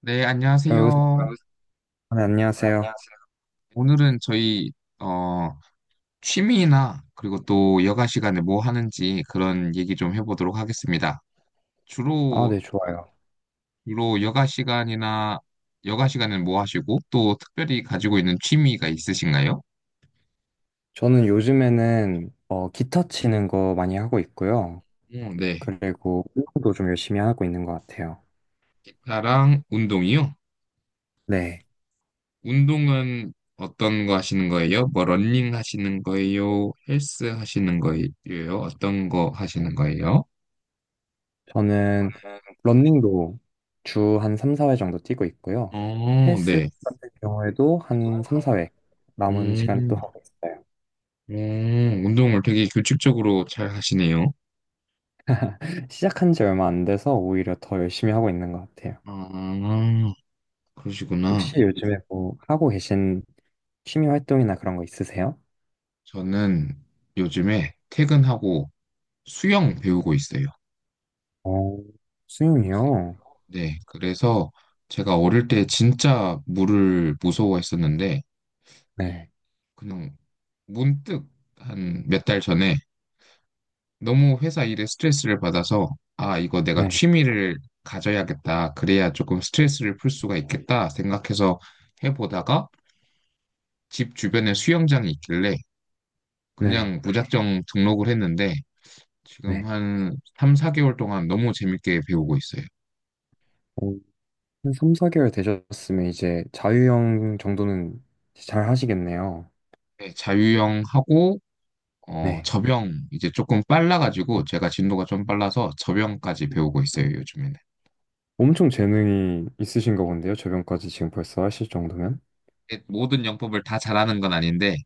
네, 안녕하세요. 의사, 네, 네, 안녕하세요. 안녕하세요. 오늘은 저희 어, 취미나 그리고 또 여가 시간에 뭐 하는지 그런 얘기 좀 해보도록 하겠습니다. 아, 주로 네, 좋아요. 주로 여가 시간이나 여가 시간은 뭐 하시고 또 특별히 가지고 있는 취미가 있으신가요? 저는 요즘에는 기타 치는 거 많이 하고 있고요. 어, 네. 그리고 운동도 좀 열심히 하고 있는 것 같아요. 기타랑 운동이요. 네, 운동은 어떤 거 하시는 거예요? 뭐 러닝 하시는 거예요? 헬스 하시는 거예요? 어떤 거 하시는 거예요? 저는 러닝도 주 한 3, 4회 정도 뛰고 있고요. 어, 헬스 같은 경우에도 한 3, 4회 남은 네. 시간에 또 음. 하고 있어요. 오, 운동을 되게 규칙적으로 잘 하시네요. 시작한 지 얼마 안 돼서 오히려 더 열심히 하고 있는 것 같아요. 아, 그러시구나. 혹시 요즘에 뭐 하고 계신 취미 활동이나 그런 거 있으세요? 저는 요즘에 퇴근하고 수영 배우고 있어요. 어, 그래- 수영이요? 네, 그래서 제가 어릴 때 진짜 물을 무서워했었는데, 네. 그냥 문득 한 몇 달 전에 너무 회사 일에 스트레스를 받아서, 아, 이거 내가 네, 취미를 가져야겠다. 그래야 조금 스트레스를 풀 수가 있겠다 생각해서 해보다가, 집 주변에 수영장이 있길래 그냥 네, 네. 무작정 등록을 했는데 지금 네. 한 3, 4개월 동안 너무 재밌게 배우고 있어요. 어, 한 3, 4개월 되셨으면 이제 자유형 정도는 잘 하시겠네요. 네, 자유형 하고 네. 접영 이제 조금 빨라가지고 제가 진도가 좀 빨라서 접영까지 배우고 있어요, 요즘에는. 엄청 재능이 있으신가 본데요. 저변까지 지금 벌써 하실 정도면. 네, 모든 영법을 다 잘하는 건 아닌데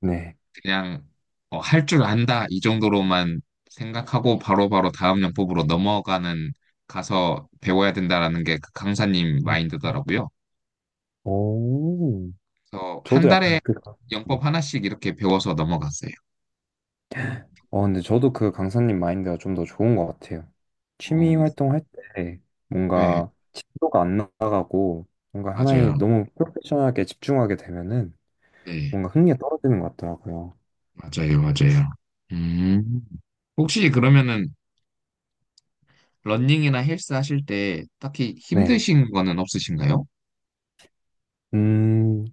네. 그냥 할줄 안다 이 정도로만 생각하고 바로바로 다음 영법으로 넘어가는 가서 배워야 된다라는 게 그 강사님 음. 마인드더라고요. 오, 그래서 한 저도 약간 달에 그, 네. 영법 하나씩 이렇게 배워서 넘어갔어요. 근데 저도 그 강사님 마인드가 좀 더 좋은 것 같아요. 어, 취미 활동할 때 네, 뭔가 진도가 안 나가고 뭔가 하나에 맞아요. 너무 프로페셔널하게 집중하게 되면은 네, 뭔가 흥미가 떨어지는 것 같더라고요. 맞아요, 맞아요. 음, 혹시 그러면은 러닝이나 헬스 하실 때 딱히 네. 힘드신 거는 없으신가요? 음,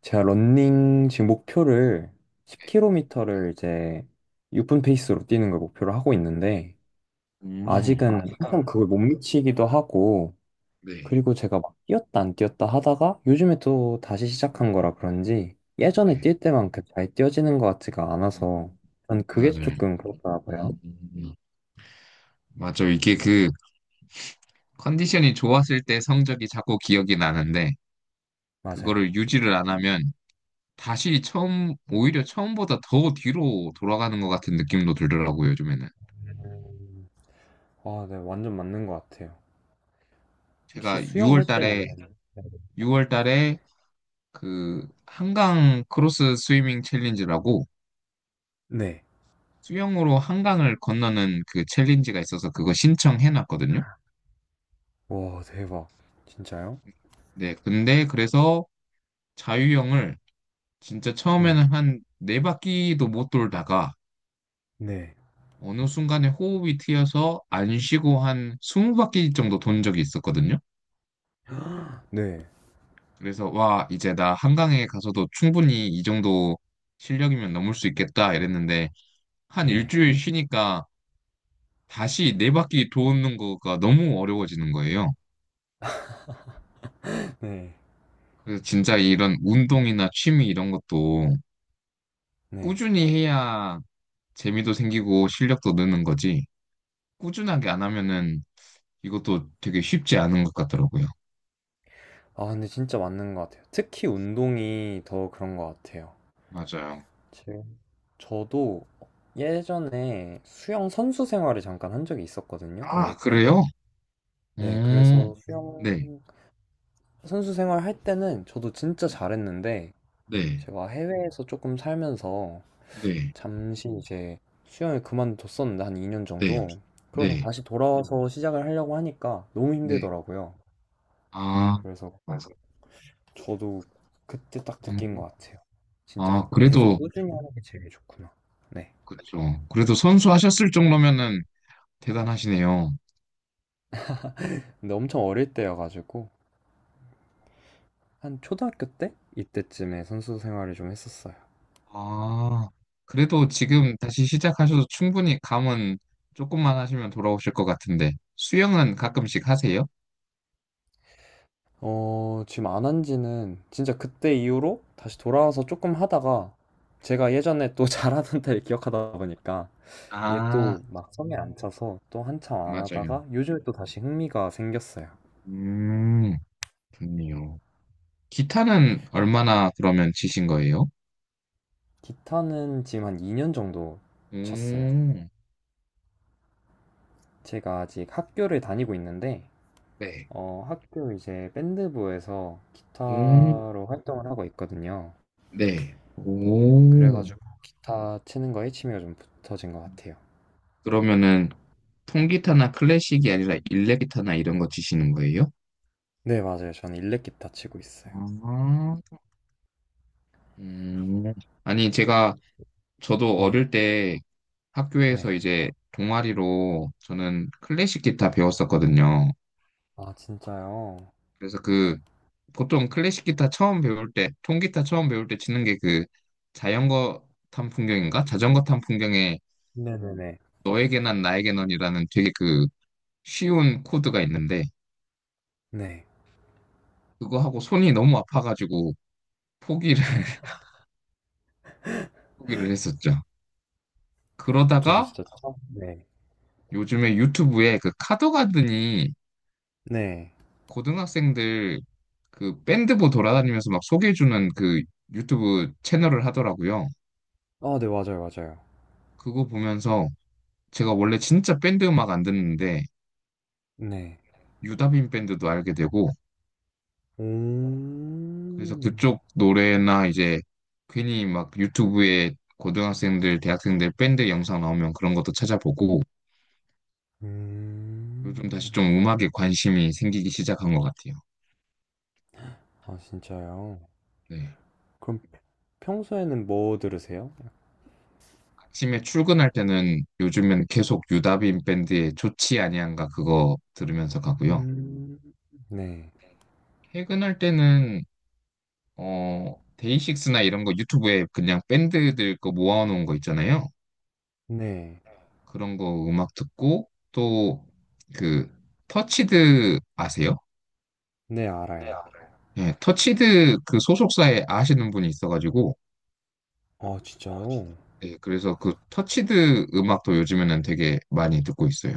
제가 러닝 지금 목표를 10km를 이제 6분 페이스로 뛰는 걸 목표로 하고 네. 있는데 음, 아직은 한참 그걸 못 미치기도 하고 네, 그리고 제가 막 뛰었다 안 뛰었다 하다가 요즘에 또 다시 시작한 거라 그런지 예전에 네. 뛸 때만큼 잘 뛰어지는 것 같지가 않아서 음, 전 그게 맞아요. 조금 그렇더라고요. 음, 맞아요. 이게 그 컨디션이 좋았을 때 성적이 자꾸 기억이 나는데 맞아요. 그거를 유지를 안 하면 다시 처음, 오히려 처음보다 더 뒤로 돌아가는 것 같은 느낌도 들더라고요, 요즘에는. 아, 네, 완전 맞는 것 같아요. 혹시 제가 6월 수영할 때는 달에, 6월 달에 그 한강 크로스 스위밍 챌린지라고 네. 수영으로 한강을 건너는 그 챌린지가 있어서 그거 신청해놨거든요. 와, 대박. 진짜요? 네, 근데 그래서 자유형을 진짜 네. 처음에는 한 네 바퀴도 못 돌다가 네. 어느 순간에 호흡이 트여서 안 쉬고 한 20바퀴 정도 돈 적이 있었거든요. 네. 그래서 와, 이제 나 한강에 가서도 충분히 이 정도 실력이면 넘을 수 있겠다 이랬는데 한 네. 일주일 쉬니까 다시 4바퀴 도는 거가 너무 어려워지는 거예요. 네. 그래서 진짜 이런 운동이나 취미 이런 것도 네. 꾸준히 해야 재미도 생기고 실력도 느는 거지. 꾸준하게 안 하면은 이것도 되게 쉽지 않은 것 같더라고요. 아, 근데 진짜 맞는 것 같아요. 특히 운동이 더 그런 것 같아요. 맞아요. 제- 저도 예전에 수영 선수 생활을 잠깐 한 적이 있었거든요, 어릴 아, 때. 그래요? 오, 네, 네. 그래서 수영 네. 선수 생활 할 때는 저도 진짜 네. 잘했는데, 네. 제가 해외에서 조금 살면서 네. 잠시 이제 수영을 그만뒀었는데, 한 2년 정도. 그러고 네. 다시 돌아와서 시작을 하려고 하니까 너무 네. 힘들더라고요. 아, 그래서 그래서 저도 그때 딱 느낀 음. 것 같아요. 진짜 아, 계속 그래도, 꾸준히 하는 게 제일 좋구나. 네. 그렇죠. 그래도 선수하셨을 정도면은 대단하시네요. 근데 엄청 어릴 때여가지고 한 초등학교 때 이때쯤에 선수 생활을 좀 했었어요. 아, 그래도 지금 다시 시작하셔도 충분히 감은 조금만 하시면 돌아오실 것 같은데, 수영은 가끔씩 하세요? 지금 안 한 지는 진짜 그때 이후로 다시 네. 돌아와서 조금 하다가 제가 예전에 또 잘하던 때를 기억하다 보니까 이게 아, 또 막 성에 안 차서 또 한참 안 맞아요. 하다가 요즘에 또 다시 흥미가 생겼어요. 음, 좋네요. 기타는 얼마나 그러면 치신 거예요? 기타는 지금 한 2년 정도 오, 쳤어요. 네. 제가 아직 학교를 다니고 있는데 학교 이제 밴드부에서 음, 기타로 활동을 하고 있거든요. 네. 오. 그래가지고 기타 치는 거에 취미가 좀 붙어진 것 같아요. 그러면은 통기타나 클래식이 아니라 일렉기타나 이런 거 치시는 거예요? 네, 맞아요. 저는 일렉 기타 치고 있어요. 아, 음. 아니, 제가, 저도 네, 어릴 때 학교에서 네. 이제 동아리로 저는 클래식 기타 배웠었거든요. 아, 진짜요? 그래서 그, 보통 클래식 기타 처음 배울 때, 통기타 처음 배울 때 치는 게 그, 자전거 탄 풍경인가? 자전거 탄 풍경에 네네네. 너에게 난 나에게 넌이라는 되게 그, 쉬운 코드가 있는데, 네. 그거 하고 손이 너무 아파가지고 포기를 포기를 했었죠. 저도 그러다가 진짜 처음, 네. 요즘에 유튜브에 그 카더가든이 네. 고등학생들 그 밴드부 돌아다니면서 막 소개해주는 그 유튜브 채널을 하더라고요. 아, 네, 맞아요, 맞아요. 그거 보면서 제가 원래 진짜 밴드 음악 안 듣는데 네. 유다빈 밴드도 알게 되고 오, 그래서 그쪽 노래나 이제 괜히 막 유튜브에 고등학생들, 대학생들 밴드 영상 나오면 그런 것도 찾아보고 요즘 음, 다시 좀 음악에 관심이 생기기 시작한 것 같아요. 아, 진짜요? 네. 그럼 평소에는 뭐 들으세요? 아침에 출근할 때는 요즘엔 계속 유다빈 밴드의 좋지 아니한가 그거 들으면서 가고요. 음, 네, 퇴근할 때는 어 데이식스나 이런 거 유튜브에 그냥 밴드들 거 모아놓은 거 있잖아요. 네. 그런 거 음악 듣고 또 그 터치드 아세요? 네, 네, 알아요. 알아요. 예, 터치드 그 소속사에 아시는 분이 있어가지고 아, 아, 진짜요? 진짜. 예, 그래서 그 터치드 음악도 요즘에는 되게 많이 듣고 있어요.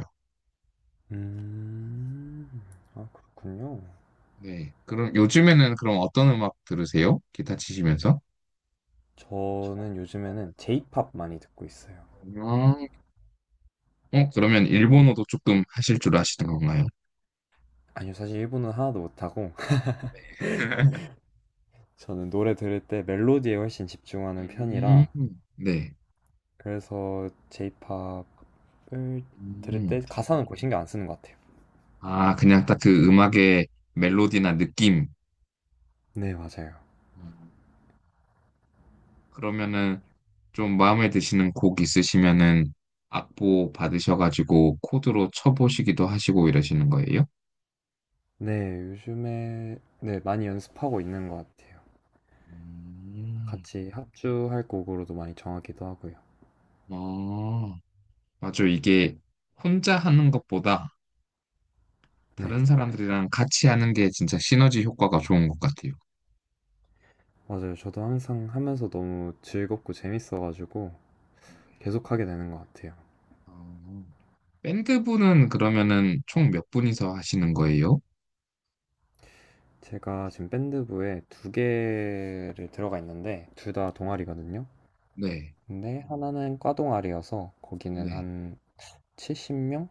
음, 아, 그렇군요. 네. 그럼 요즘에는 그럼 어떤 음악 들으세요? 기타 치시면서? 저는 요즘에는 J-pop 많이 듣고 있어요. 아, 그러면 일본어도 조금 하실 줄 아시는 건가요? 아니요, 사실 일본은 하나도 못하고, 저는 노래 들을 때 멜로디에 훨씬 집중하는 음, 편이라, 네. 그래서 J-pop을 들을 음, 때 가사는 거의 신경 안 쓰는 것 같아요. 아, 그냥 딱 그 음악의 멜로디나 느낌. 네, 맞아요. 음, 그러면은 좀 마음에 드시는 곡 있으시면은 악보 받으셔가지고 코드로 쳐보시기도 하시고 이러시는 거예요? 네, 요즘에, 네, 많이 연습하고 있는 것 같아요. 음, 같이 합주할 곡으로도 많이 정하기도 하고요. 아, 맞아. 이게 혼자 하는 것보다 다른 네. 사람들이랑 같이 하는 게 진짜 시너지 효과가 좋은 것 같아요. 맞아요. 저도 항상 하면서 너무 즐겁고 재밌어가지고 계속 하게 되는 것 같아요. 어, 밴드부는 그러면은 총 몇 분이서 하시는 거예요? 제가 지금 밴드부에 두 개를 들어가 있는데 둘 다 동아리거든요. 네, 근데 하나는 과 동아리여서 거기는 네. 한 70명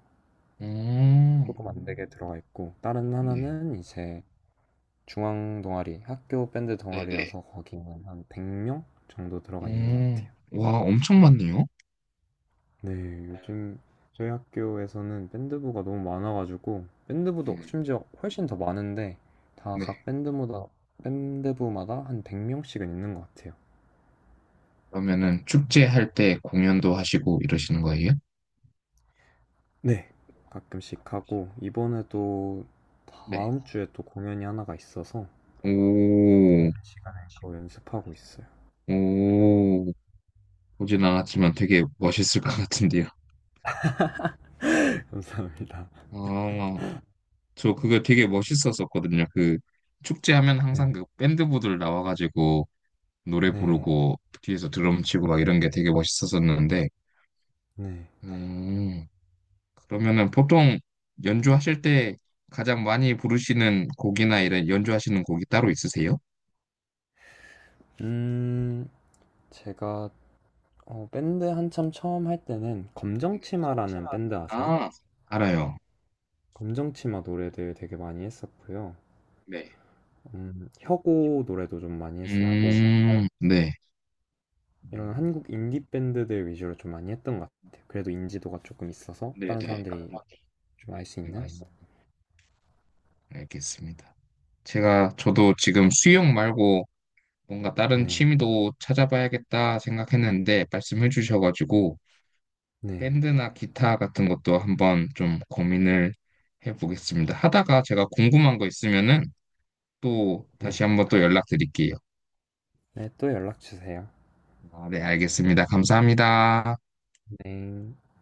오, 조금 안 되게 들어가 있고 다른 네, 하나는 이제 중앙 동아리, 학교 밴드 네, 동아리여서 거기는 한 100명 정도 들어가 있는 것 네. 같아요. 오, 와, 엄청 많네요. 네, 요즘 저희 학교에서는 밴드부가 너무 많아가지고 밴드부도 음, 심지어 훨씬 더 많은데 다 네. 각 밴드마다 밴드부마다 한 100명씩은 있는 것 같아요. 그러면은 축제 할 때 공연도 하시고 이러시는 거예요? 네, 가끔씩 하고 이번에도 네. 다음 주에 또 공연이 하나가 있어서 오, 시간에 그거 연습하고 있어요. 오, 보진 않았지만 되게 멋있을 것 같은데요. 감사합니다. 아, 저 그거 되게 멋있었었거든요. 그 축제하면 항상 네, 그 밴드부들 나와가지고 노래 네, 부르고 뒤에서 드럼 치고 막 이런 게 되게 멋있었었는데, 네. 음, 그러면은 보통 연주하실 때 가장 많이 부르시는 곡이나 이런 연주하시는 곡이 따로 있으세요? 음, 제가 밴드 한참 처음 할 때는 네. 검정치마라는 밴드 아세요? 아, 알아요. 검정치마 노래들 되게 많이 했었고요. 네. 혁오 노래도 좀 많이 했었고, 네. 이런 음, 한국 인디 밴드들 위주로 좀 많이 했던 것 같아요. 그래도 인지도가 조금 있어서 네, 다른 네. 사람들이 좀 알 수 음, 있는? 알겠습니다. 제가 저도 지금 수영 말고 뭔가 다른 네, 취미도 찾아봐야겠다 생각했는데 말씀해 주셔가지고 네, 밴드나 기타 같은 것도 한번 좀 고민을 해보겠습니다. 하다가 제가 궁금한 거 있으면은 또 다시 네. 한번 또 연락드릴게요. 네, 또 연락 주세요. 아, 네, 알겠습니다. 감사합니다. 네.